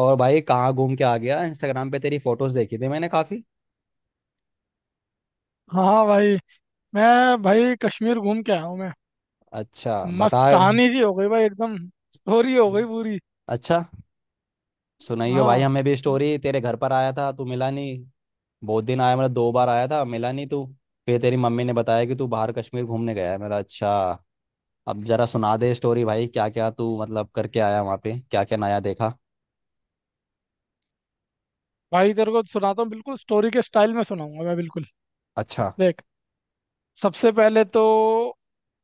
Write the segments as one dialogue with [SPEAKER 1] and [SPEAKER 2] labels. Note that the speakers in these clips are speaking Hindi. [SPEAKER 1] और भाई कहाँ घूम के आ गया। इंस्टाग्राम पे तेरी फोटोज देखी थी मैंने काफी।
[SPEAKER 2] हाँ भाई। मैं भाई कश्मीर घूम के आया हूँ मैं।
[SPEAKER 1] अच्छा।
[SPEAKER 2] मस्त
[SPEAKER 1] बता।
[SPEAKER 2] कहानी जी हो गई भाई एकदम। स्टोरी हो गई पूरी।
[SPEAKER 1] अच्छा। सुनाइयो भाई
[SPEAKER 2] हाँ
[SPEAKER 1] हमें भी
[SPEAKER 2] म,
[SPEAKER 1] स्टोरी, तेरे घर पर आया था तू मिला नहीं। बहुत दिन आया, मतलब दो बार आया था, मिला नहीं तू। फिर तेरी मम्मी ने बताया कि तू बाहर कश्मीर घूमने गया है मेरा। अच्छा। अब जरा सुना दे स्टोरी भाई, क्या क्या तू मतलब करके आया वहाँ पे, क्या क्या नया देखा।
[SPEAKER 2] भाई तेरे को सुनाता हूँ बिल्कुल स्टोरी के स्टाइल में सुनाऊंगा मैं बिल्कुल।
[SPEAKER 1] अच्छा
[SPEAKER 2] देख, सबसे पहले तो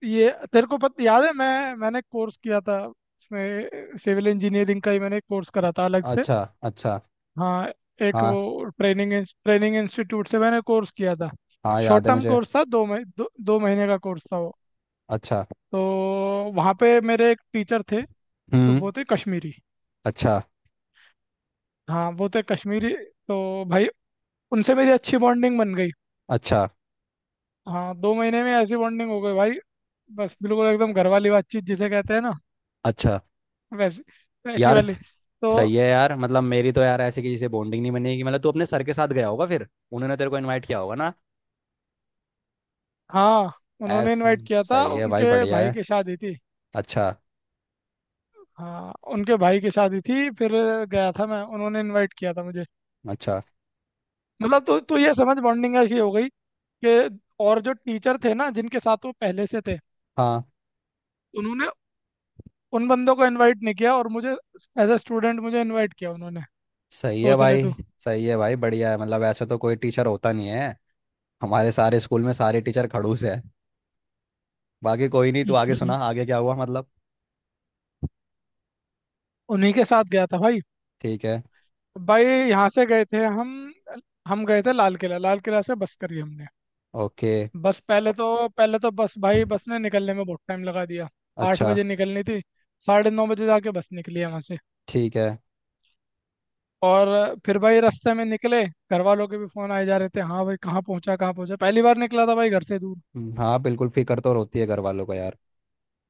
[SPEAKER 2] ये तेरे को पता याद है, मैंने कोर्स किया था उसमें, सिविल इंजीनियरिंग का ही मैंने कोर्स करा था अलग से।
[SPEAKER 1] अच्छा। अच्छा।
[SPEAKER 2] हाँ, एक वो
[SPEAKER 1] हाँ।
[SPEAKER 2] ट्रेनिंग ट्रेनिंग इंस्टीट्यूट से मैंने कोर्स किया था।
[SPEAKER 1] हाँ,
[SPEAKER 2] शॉर्ट
[SPEAKER 1] याद है
[SPEAKER 2] टर्म
[SPEAKER 1] मुझे।
[SPEAKER 2] कोर्स था, दो महीने का कोर्स था वो।
[SPEAKER 1] अच्छा।
[SPEAKER 2] तो वहाँ पे मेरे एक टीचर थे, तो
[SPEAKER 1] हम्म।
[SPEAKER 2] वो थे कश्मीरी।
[SPEAKER 1] अच्छा।
[SPEAKER 2] हाँ, वो थे कश्मीरी। तो भाई उनसे मेरी अच्छी बॉन्डिंग बन गई।
[SPEAKER 1] अच्छा।
[SPEAKER 2] हाँ, दो महीने में ऐसी बॉन्डिंग हो गई भाई, बस बिल्कुल एकदम घर वाली बातचीत जिसे कहते हैं ना,
[SPEAKER 1] अच्छा।
[SPEAKER 2] वैसी वैसी
[SPEAKER 1] यार।
[SPEAKER 2] वाली। तो
[SPEAKER 1] सही है यार, मतलब मेरी तो यार ऐसे किसी से बॉन्डिंग नहीं बनेगी। मतलब तू अपने सर के साथ गया होगा, फिर उन्होंने तेरे को इनवाइट किया होगा ना।
[SPEAKER 2] हाँ, उन्होंने
[SPEAKER 1] ऐस
[SPEAKER 2] इनवाइट किया था,
[SPEAKER 1] सही है भाई,
[SPEAKER 2] उनके
[SPEAKER 1] बढ़िया
[SPEAKER 2] भाई
[SPEAKER 1] है।
[SPEAKER 2] की शादी थी।
[SPEAKER 1] अच्छा।
[SPEAKER 2] हाँ, उनके भाई की शादी थी, फिर गया था मैं, उन्होंने इनवाइट किया था मुझे।
[SPEAKER 1] अच्छा।
[SPEAKER 2] मतलब तो ये समझ, बॉन्डिंग ऐसी हो गई कि और जो टीचर थे ना जिनके साथ वो पहले से थे,
[SPEAKER 1] हाँ।
[SPEAKER 2] उन्होंने उन बंदों को इनवाइट नहीं किया, और मुझे एज अ स्टूडेंट मुझे इनवाइट किया उन्होंने।
[SPEAKER 1] सही है
[SPEAKER 2] सोच ले
[SPEAKER 1] भाई।
[SPEAKER 2] तू।
[SPEAKER 1] सही है भाई, बढ़िया है। मतलब ऐसे तो कोई टीचर होता नहीं है। हमारे सारे स्कूल में सारे टीचर खड़ूस है। बाकी कोई नहीं। तू आगे सुना, आगे क्या हुआ मतलब।
[SPEAKER 2] उन्हीं के साथ गया था भाई।
[SPEAKER 1] ठीक है।
[SPEAKER 2] भाई यहाँ से गए थे हम। हम गए थे लाल किला, लाल किला से बस करी हमने।
[SPEAKER 1] ओके।
[SPEAKER 2] बस पहले तो, पहले तो बस भाई बस ने निकलने में बहुत टाइम लगा दिया। आठ
[SPEAKER 1] अच्छा।
[SPEAKER 2] बजे निकलनी थी, साढ़े नौ बजे जाके बस निकली है वहाँ से।
[SPEAKER 1] ठीक है।
[SPEAKER 2] और फिर भाई रास्ते में निकले, घर वालों के भी फोन आए जा रहे थे, हाँ भाई कहाँ पहुँचा कहाँ पहुँचा, पहली बार निकला था भाई घर से दूर।
[SPEAKER 1] हाँ बिल्कुल, फिक्र तो होती है घर वालों को यार।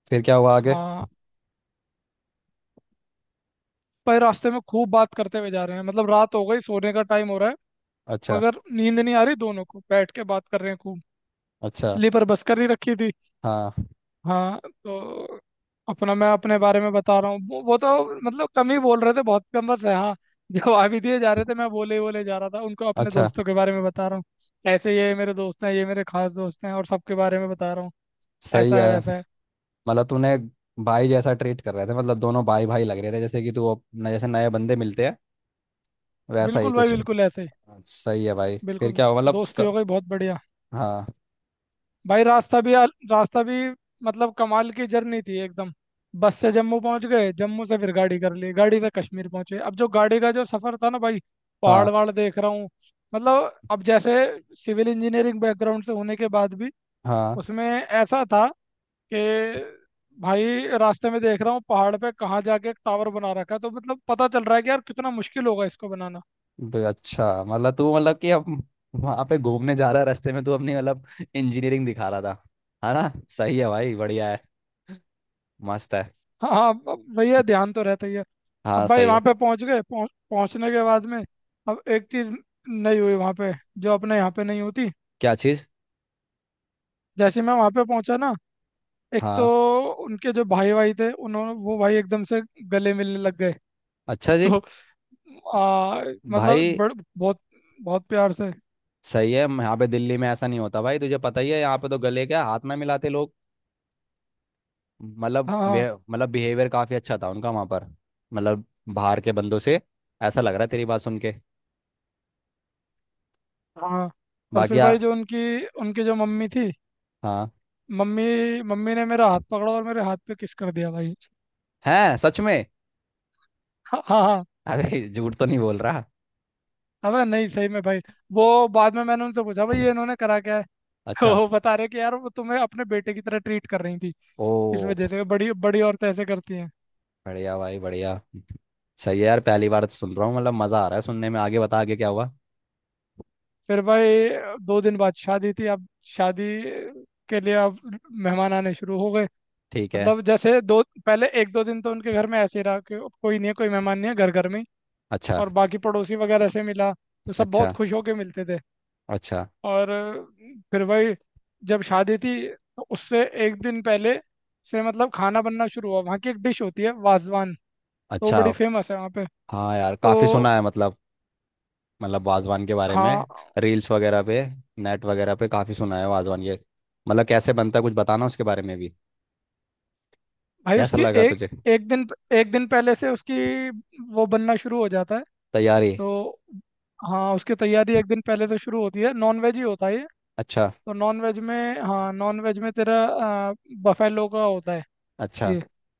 [SPEAKER 1] फिर क्या हुआ आगे।
[SPEAKER 2] हाँ, पर रास्ते में खूब बात करते हुए जा रहे हैं, मतलब रात हो गई, सोने का टाइम हो रहा है,
[SPEAKER 1] अच्छा।
[SPEAKER 2] मगर नींद नहीं आ रही, दोनों को बैठ के बात कर रहे हैं खूब।
[SPEAKER 1] अच्छा।
[SPEAKER 2] स्लीपर बस कर ही रखी थी।
[SPEAKER 1] हाँ।
[SPEAKER 2] हाँ तो अपना, मैं अपने बारे में बता रहा हूँ, वो तो मतलब कम ही बोल रहे थे, बहुत कम बस है। हाँ, जवाब ही दिए जा रहे थे, मैं बोले ही बोले जा रहा था उनको, अपने
[SPEAKER 1] अच्छा।
[SPEAKER 2] दोस्तों के बारे में बता रहा हूँ, ऐसे ये मेरे दोस्त हैं, ये मेरे खास दोस्त हैं, और सबके बारे में बता रहा हूँ,
[SPEAKER 1] सही
[SPEAKER 2] ऐसा
[SPEAKER 1] है।
[SPEAKER 2] है वैसा है।
[SPEAKER 1] मतलब तूने। भाई जैसा ट्रीट कर रहे थे, मतलब दोनों भाई भाई लग रहे थे, जैसे कि तू जैसे नए बंदे मिलते हैं। वैसा ही
[SPEAKER 2] बिल्कुल भाई,
[SPEAKER 1] कुछ।
[SPEAKER 2] बिल्कुल ऐसे ही।
[SPEAKER 1] सही है भाई, फिर
[SPEAKER 2] बिल्कुल
[SPEAKER 1] क्या हुआ मतलब
[SPEAKER 2] दोस्ती
[SPEAKER 1] उसका-
[SPEAKER 2] हो गई बहुत बढ़िया।
[SPEAKER 1] हाँ,
[SPEAKER 2] भाई रास्ता भी, मतलब कमाल की जर्नी थी एकदम। बस से जम्मू पहुंच गए, जम्मू से फिर गाड़ी कर ली, गाड़ी से कश्मीर पहुंचे। अब जो गाड़ी का जो सफर था ना भाई, पहाड़
[SPEAKER 1] हाँ,
[SPEAKER 2] वहाड़ देख रहा हूँ, मतलब अब जैसे सिविल इंजीनियरिंग बैकग्राउंड से होने के बाद भी
[SPEAKER 1] हाँ।
[SPEAKER 2] उसमें ऐसा था कि भाई रास्ते में देख रहा हूँ, पहाड़ पे कहाँ जाके एक टावर बना रखा है, तो मतलब पता चल रहा है कि यार कितना मुश्किल होगा इसको बनाना।
[SPEAKER 1] अच्छा, मतलब तू मतलब कि अब वहाँ पे घूमने जा रहा है, रास्ते में तू अपनी मतलब इंजीनियरिंग दिखा रहा था, है ना। सही है भाई, बढ़िया है। मस्त है।
[SPEAKER 2] हाँ हाँ, अब भैया ध्यान तो रहता ही है।
[SPEAKER 1] हाँ।
[SPEAKER 2] अब भाई
[SPEAKER 1] सही
[SPEAKER 2] वहां
[SPEAKER 1] है।
[SPEAKER 2] पे पहुंच गए, पहुंचने के बाद में अब एक चीज नहीं हुई वहां पे जो अपने यहाँ पे नहीं होती।
[SPEAKER 1] क्या चीज़।
[SPEAKER 2] जैसे मैं वहां पे पहुंचा ना, एक तो
[SPEAKER 1] हाँ।
[SPEAKER 2] उनके जो भाई भाई थे उन्होंने, वो भाई एकदम से गले मिलने लग गए।
[SPEAKER 1] अच्छा जी।
[SPEAKER 2] तो आ, मतलब
[SPEAKER 1] भाई।
[SPEAKER 2] बड़, बहुत बहुत प्यार से।
[SPEAKER 1] सही है, यहाँ पे दिल्ली में ऐसा नहीं होता भाई, तुझे पता ही है, यहाँ पे तो गले क्या, हाथ ना मिलाते लोग। मतलब
[SPEAKER 2] हाँ हाँ
[SPEAKER 1] वे मतलब बिहेवियर काफ़ी अच्छा था उनका वहाँ पर। मतलब बाहर के बंदों से ऐसा लग रहा है तेरी बात सुन के।
[SPEAKER 2] हाँ। और
[SPEAKER 1] बाकी
[SPEAKER 2] फिर भाई जो उनकी उनकी जो मम्मी थी,
[SPEAKER 1] हाँ।
[SPEAKER 2] मम्मी मम्मी ने मेरा हाथ पकड़ा और मेरे हाथ पे किस कर दिया भाई।
[SPEAKER 1] हैं, सच में।
[SPEAKER 2] हाँ हाँ हाँ।
[SPEAKER 1] अरे झूठ तो नहीं बोल रहा।
[SPEAKER 2] अबे नहीं, सही में भाई। वो बाद में मैंने उनसे पूछा भाई ये इन्होंने करा क्या है, तो
[SPEAKER 1] अच्छा।
[SPEAKER 2] वो बता रहे कि यार वो तुम्हें अपने बेटे की तरह ट्रीट कर रही थी,
[SPEAKER 1] ओ।
[SPEAKER 2] इस वजह से बड़ी बड़ी औरतें ऐसे करती हैं।
[SPEAKER 1] बढ़िया भाई, बढ़िया। सही है यार, पहली बार तो सुन रहा हूँ, मतलब मज़ा आ रहा है सुनने में। आगे बता, आगे क्या हुआ।
[SPEAKER 2] फिर भाई दो दिन बाद शादी थी। अब शादी के लिए अब मेहमान आने शुरू हो गए।
[SPEAKER 1] ठीक है।
[SPEAKER 2] मतलब जैसे दो पहले, एक दो दिन तो उनके घर में ऐसे ही रहा कि कोई नहीं है, कोई मेहमान नहीं है, घर घर में ही।
[SPEAKER 1] अच्छा।
[SPEAKER 2] और बाकी पड़ोसी वगैरह से मिला तो सब बहुत
[SPEAKER 1] अच्छा।
[SPEAKER 2] खुश होके मिलते थे।
[SPEAKER 1] अच्छा।
[SPEAKER 2] और फिर भाई जब शादी थी तो उससे एक दिन पहले से मतलब खाना बनना शुरू हुआ। वहाँ की एक डिश होती है वाजवान, तो वो
[SPEAKER 1] अच्छा।
[SPEAKER 2] बड़ी फेमस है वहाँ पे।
[SPEAKER 1] हाँ यार,
[SPEAKER 2] तो
[SPEAKER 1] काफ़ी सुना है मतलब। मतलब वाजवान के बारे
[SPEAKER 2] हाँ
[SPEAKER 1] में। रील्स वगैरह पे। नेट वगैरह पे काफ़ी सुना है, वाजवान ये। मतलब कैसे बनता है, कुछ बताना उसके बारे में भी।
[SPEAKER 2] भाई
[SPEAKER 1] कैसा
[SPEAKER 2] उसकी
[SPEAKER 1] लगा
[SPEAKER 2] एक
[SPEAKER 1] तुझे।
[SPEAKER 2] एक दिन एक दिन पहले से उसकी वो बनना शुरू हो जाता है।
[SPEAKER 1] तैयारी।
[SPEAKER 2] तो हाँ उसकी तैयारी एक दिन पहले से शुरू होती है। नॉन वेज ही होता है ये।
[SPEAKER 1] अच्छा।
[SPEAKER 2] तो नॉन वेज में, हाँ नॉन वेज में तेरा बफेलो का होता है
[SPEAKER 1] अच्छा।
[SPEAKER 2] ये,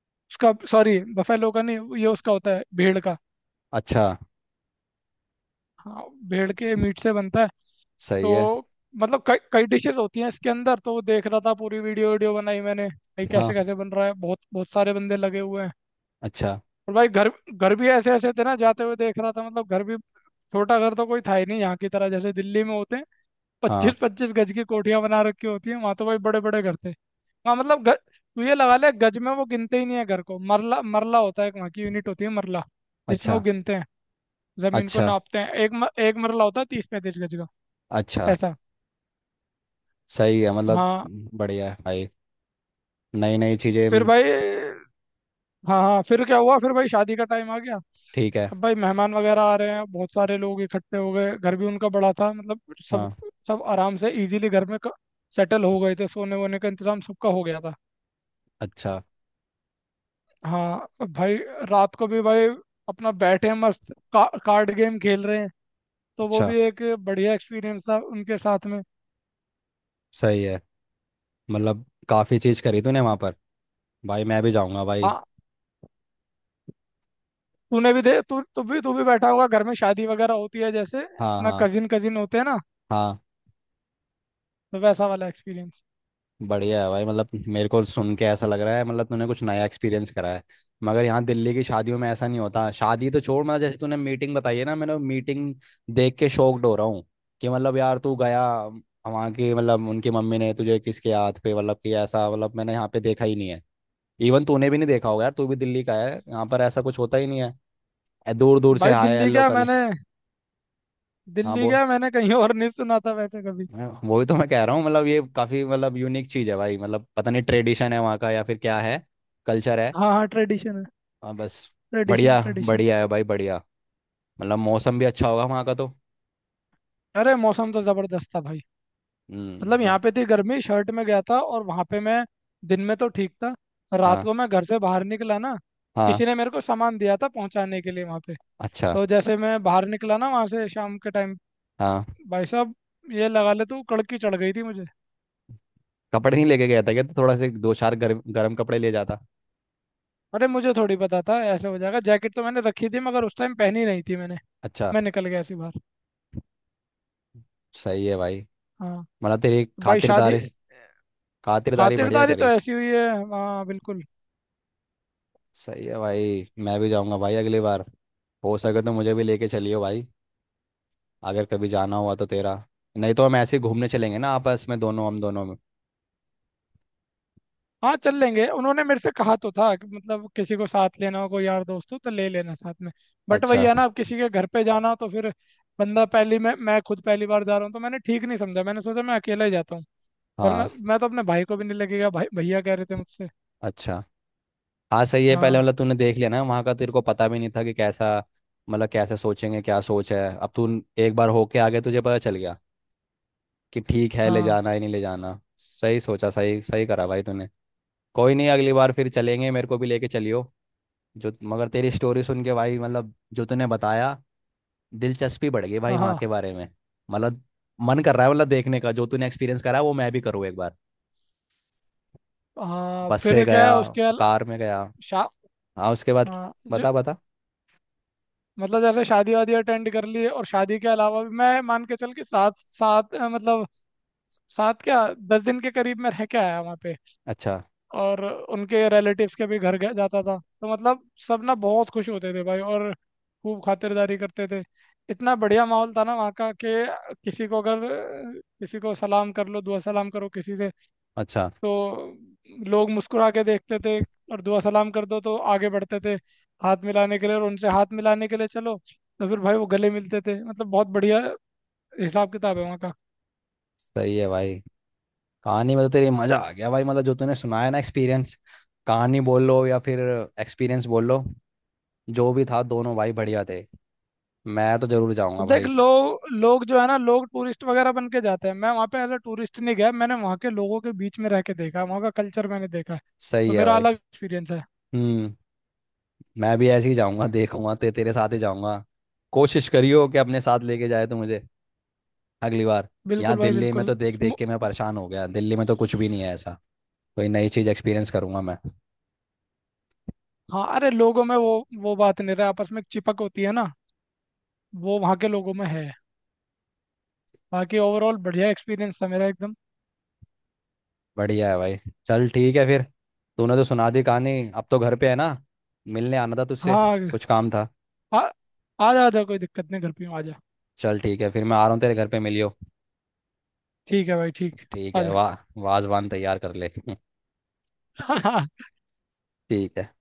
[SPEAKER 2] उसका, सॉरी बफेलो का नहीं, ये उसका होता है भेड़ का।
[SPEAKER 1] अच्छा।
[SPEAKER 2] हाँ, भेड़
[SPEAKER 1] स-
[SPEAKER 2] के मीट से बनता है।
[SPEAKER 1] सही है।
[SPEAKER 2] तो मतलब कई कई डिशेस होती हैं इसके अंदर, तो वो देख रहा था पूरी वीडियो, बनाई मैंने भाई, कैसे
[SPEAKER 1] हाँ।
[SPEAKER 2] कैसे बन रहा है, बहुत बहुत सारे बंदे लगे हुए हैं।
[SPEAKER 1] अच्छा।
[SPEAKER 2] और भाई घर घर भी ऐसे ऐसे थे ना, जाते हुए देख रहा था, मतलब घर भी, छोटा घर तो कोई था ही नहीं यहाँ की तरह जैसे दिल्ली में होते हैं, पच्चीस
[SPEAKER 1] हाँ।
[SPEAKER 2] पच्चीस गज की कोठियां बना रखी होती हैं। वहां तो भाई बड़े बड़े घर थे वहाँ, तू ये लगा ले गज में वो गिनते ही नहीं है घर को, मरला, मरला होता है एक, वहाँ की यूनिट होती है मरला, जिसमें
[SPEAKER 1] अच्छा।
[SPEAKER 2] वो गिनते हैं, जमीन को
[SPEAKER 1] अच्छा।
[SPEAKER 2] नापते हैं। एक मरला होता है तीस पैंतीस गज का
[SPEAKER 1] अच्छा।
[SPEAKER 2] ऐसा।
[SPEAKER 1] सही है मतलब।
[SPEAKER 2] हाँ
[SPEAKER 1] बढ़िया है भाई। नई नई चीज़ें।
[SPEAKER 2] फिर भाई, हाँ हाँ फिर क्या हुआ, फिर भाई शादी का टाइम आ गया।
[SPEAKER 1] ठीक है।
[SPEAKER 2] सब भाई मेहमान वगैरह आ रहे हैं, बहुत सारे लोग इकट्ठे हो गए, घर भी उनका बड़ा था, मतलब सब
[SPEAKER 1] हाँ।
[SPEAKER 2] सब आराम से इजीली घर में सेटल हो गए थे, सोने वोने का इंतजाम सबका हो गया था।
[SPEAKER 1] अच्छा।
[SPEAKER 2] हाँ, अब भाई रात को भी भाई अपना बैठे हैं मस्त, कार्ड गेम खेल रहे हैं, तो वो
[SPEAKER 1] अच्छा।
[SPEAKER 2] भी एक बढ़िया एक्सपीरियंस था उनके साथ में।
[SPEAKER 1] सही है, मतलब काफ़ी चीज़ करी तूने वहाँ पर। भाई मैं भी जाऊँगा भाई।
[SPEAKER 2] हाँ, तूने भी दे तू तू भी बैठा होगा घर में, शादी वगैरह होती है जैसे
[SPEAKER 1] हाँ,
[SPEAKER 2] अपना
[SPEAKER 1] हाँ,
[SPEAKER 2] कजिन कजिन होते हैं ना,
[SPEAKER 1] हाँ।
[SPEAKER 2] तो वैसा वाला एक्सपीरियंस।
[SPEAKER 1] बढ़िया है भाई, मतलब मेरे को सुन के ऐसा लग रहा है, मतलब तूने कुछ नया एक्सपीरियंस करा है। मगर यहाँ दिल्ली की शादियों में ऐसा नहीं होता, शादी तो छोड़, मतलब जैसे तूने मीटिंग बताई है ना, मैंने मीटिंग देख के शॉक्ड हो रहा हूँ। कि मतलब यार तू गया, वहाँ की मतलब उनकी मम्मी ने तुझे किसके हाथ पे, मतलब कि ऐसा मतलब मैंने यहाँ पे देखा ही नहीं है। इवन तूने भी नहीं देखा होगा यार, तू भी दिल्ली का है, यहाँ पर ऐसा कुछ होता ही नहीं है। दूर दूर से
[SPEAKER 2] भाई
[SPEAKER 1] हाय हेलो कर ले। हाँ
[SPEAKER 2] दिल्ली
[SPEAKER 1] बोल।
[SPEAKER 2] क्या, मैंने कहीं और नहीं सुना था वैसे कभी।
[SPEAKER 1] मैं वही तो मैं कह रहा हूँ मतलब, ये काफी मतलब यूनिक चीज है भाई, मतलब पता नहीं ट्रेडिशन है वहाँ का या फिर क्या है, कल्चर है।
[SPEAKER 2] हाँ हाँ, ट्रेडिशन है,
[SPEAKER 1] हाँ बस।
[SPEAKER 2] ट्रेडिशन
[SPEAKER 1] बढ़िया।
[SPEAKER 2] ट्रेडिशन।
[SPEAKER 1] बढ़िया है भाई, बढ़िया। मतलब मौसम भी अच्छा होगा वहाँ का तो।
[SPEAKER 2] अरे मौसम तो जबरदस्त था भाई,
[SPEAKER 1] हम्म।
[SPEAKER 2] मतलब
[SPEAKER 1] मैं।
[SPEAKER 2] यहाँ पे थी गर्मी, शर्ट में गया था, और वहां पे मैं दिन में तो ठीक था, रात
[SPEAKER 1] हाँ।
[SPEAKER 2] को मैं घर से बाहर निकला ना,
[SPEAKER 1] हाँ।
[SPEAKER 2] किसी ने मेरे को सामान दिया था पहुंचाने के लिए वहां पे,
[SPEAKER 1] अच्छा।
[SPEAKER 2] तो जैसे मैं बाहर निकला ना वहां से शाम के टाइम,
[SPEAKER 1] हाँ।
[SPEAKER 2] भाई साहब, ये लगा ले तू, कड़की चढ़ गई थी मुझे।
[SPEAKER 1] कपड़े नहीं लेके गया था क्या? तो थोड़ा से दो चार गर्म गर्म कपड़े ले जाता।
[SPEAKER 2] अरे मुझे थोड़ी पता था ऐसे हो जाएगा, जैकेट तो मैंने रखी थी मगर उस टाइम पहनी नहीं थी मैंने।
[SPEAKER 1] अच्छा।
[SPEAKER 2] मैं निकल गया ऐसी बाहर।
[SPEAKER 1] सही है भाई।
[SPEAKER 2] हाँ,
[SPEAKER 1] मतलब तेरी
[SPEAKER 2] भाई शादी,
[SPEAKER 1] खातिरदारी। खातिरदारी बढ़िया
[SPEAKER 2] खातिरदारी तो
[SPEAKER 1] करी।
[SPEAKER 2] ऐसी हुई है। हाँ बिल्कुल।
[SPEAKER 1] सही है भाई, मैं भी जाऊँगा भाई अगली बार। हो सके तो मुझे भी लेके चलियो भाई, अगर कभी जाना हुआ तो तेरा। नहीं तो हम ऐसे ही घूमने चलेंगे ना, आपस में दोनों, हम दोनों में।
[SPEAKER 2] हाँ, चल लेंगे, उन्होंने मेरे से कहा तो था कि मतलब किसी को साथ लेना हो, कोई यार दोस्त हो तो ले लेना साथ में, बट वही
[SPEAKER 1] अच्छा।
[SPEAKER 2] है ना, अब किसी के घर पे जाना हो तो फिर, बंदा पहली, मैं खुद पहली बार जा रहा हूँ, तो मैंने ठीक नहीं समझा, मैंने सोचा मैं अकेला ही जाता हूँ,
[SPEAKER 1] हाँ।
[SPEAKER 2] वरना मैं तो अपने भाई को भी, नहीं लगेगा, भाई भैया कह रहे थे मुझसे।
[SPEAKER 1] अच्छा। हाँ सही है, पहले
[SPEAKER 2] हाँ
[SPEAKER 1] मतलब तूने देख लिया ना वहाँ का, तेरे को पता भी नहीं था कि कैसा, मतलब कैसे सोचेंगे, क्या सोच है अब तू। एक बार होके आ गया, तुझे पता चल गया कि ठीक है, ले
[SPEAKER 2] हाँ
[SPEAKER 1] जाना है नहीं ले जाना। सही सोचा, सही सही करा भाई तूने। कोई नहीं, अगली बार फिर चलेंगे, मेरे को भी लेके चलियो। जो, मगर तेरी स्टोरी सुन के भाई, मतलब जो तूने बताया, दिलचस्पी बढ़ गई भाई
[SPEAKER 2] हाँ।
[SPEAKER 1] वहाँ
[SPEAKER 2] हाँ
[SPEAKER 1] के बारे में। मतलब मन कर रहा है, मतलब देखने का, जो तूने एक्सपीरियंस करा वो मैं भी करूँ एक बार।
[SPEAKER 2] हाँ,
[SPEAKER 1] बस से
[SPEAKER 2] फिर क्या
[SPEAKER 1] गया,
[SPEAKER 2] है उसके अला
[SPEAKER 1] कार में गया।
[SPEAKER 2] शा
[SPEAKER 1] हाँ, उसके बाद।
[SPEAKER 2] हाँ जो,
[SPEAKER 1] बता बता।
[SPEAKER 2] मतलब जैसे शादी वादी अटेंड कर ली, और शादी के अलावा भी मैं मान के चल के सात सात अ, मतलब सात क्या दस दिन के करीब मैं रह के आया वहाँ पे।
[SPEAKER 1] अच्छा।
[SPEAKER 2] और उनके रिलेटिव्स के भी घर गया जाता था, तो मतलब सब ना बहुत खुश होते थे भाई और खूब खातिरदारी करते थे। इतना बढ़िया माहौल था ना वहाँ का कि किसी को अगर किसी को सलाम कर लो, दुआ सलाम करो किसी से,
[SPEAKER 1] अच्छा।
[SPEAKER 2] तो लोग मुस्कुरा के देखते थे, और दुआ सलाम कर दो तो आगे बढ़ते थे हाथ मिलाने के लिए, और उनसे हाथ मिलाने के लिए चलो तो फिर भाई वो गले मिलते थे, मतलब बहुत बढ़िया हिसाब किताब है वहाँ का।
[SPEAKER 1] सही है भाई, कहानी में तो तेरी मजा आ गया भाई, मतलब जो तूने सुनाया ना एक्सपीरियंस। कहानी बोल लो या फिर एक्सपीरियंस बोल लो, जो भी था, दोनों भाई बढ़िया थे। मैं तो जरूर जाऊंगा
[SPEAKER 2] देख,
[SPEAKER 1] भाई।
[SPEAKER 2] लोग लोग जो है ना, लोग टूरिस्ट वगैरह बन के जाते हैं, मैं वहाँ पे एज अ टूरिस्ट नहीं गया, मैंने वहाँ के लोगों के बीच में रह के देखा है, वहाँ का कल्चर मैंने देखा है,
[SPEAKER 1] सही
[SPEAKER 2] तो
[SPEAKER 1] है
[SPEAKER 2] मेरा
[SPEAKER 1] भाई।
[SPEAKER 2] अलग एक्सपीरियंस है।
[SPEAKER 1] हम्म। मैं भी ऐसे ही जाऊंगा, देखूंगा, तेरे साथ ही जाऊंगा। कोशिश करियो कि अपने साथ लेके जाए तो मुझे अगली बार। यहाँ
[SPEAKER 2] बिल्कुल भाई
[SPEAKER 1] दिल्ली में
[SPEAKER 2] बिल्कुल।
[SPEAKER 1] तो देख देख
[SPEAKER 2] मु-
[SPEAKER 1] के मैं परेशान हो गया, दिल्ली में तो कुछ भी नहीं है ऐसा। कोई नई चीज़ एक्सपीरियंस करूंगा मैं।
[SPEAKER 2] हाँ अरे, लोगों में वो बात नहीं रहा, आपस में एक चिपक होती है ना, वो वहाँ के लोगों में है। बाकी ओवरऑल बढ़िया एक्सपीरियंस था मेरा एकदम।
[SPEAKER 1] बढ़िया है भाई। चल ठीक है फिर। तूने तो सुना दी कहानी। अब तो घर पे है ना, मिलने आना था तुझसे,
[SPEAKER 2] हाँ,
[SPEAKER 1] कुछ काम था।
[SPEAKER 2] आ, आ जा, कोई दिक्कत नहीं, घर पे हूँ, आ जा।
[SPEAKER 1] चल ठीक है फिर, मैं आ रहा हूँ तेरे घर पे, मिलियो।
[SPEAKER 2] ठीक है भाई ठीक।
[SPEAKER 1] ठीक
[SPEAKER 2] आ
[SPEAKER 1] है, वाह। वाजवान तैयार कर ले।
[SPEAKER 2] जा।
[SPEAKER 1] ठीक है।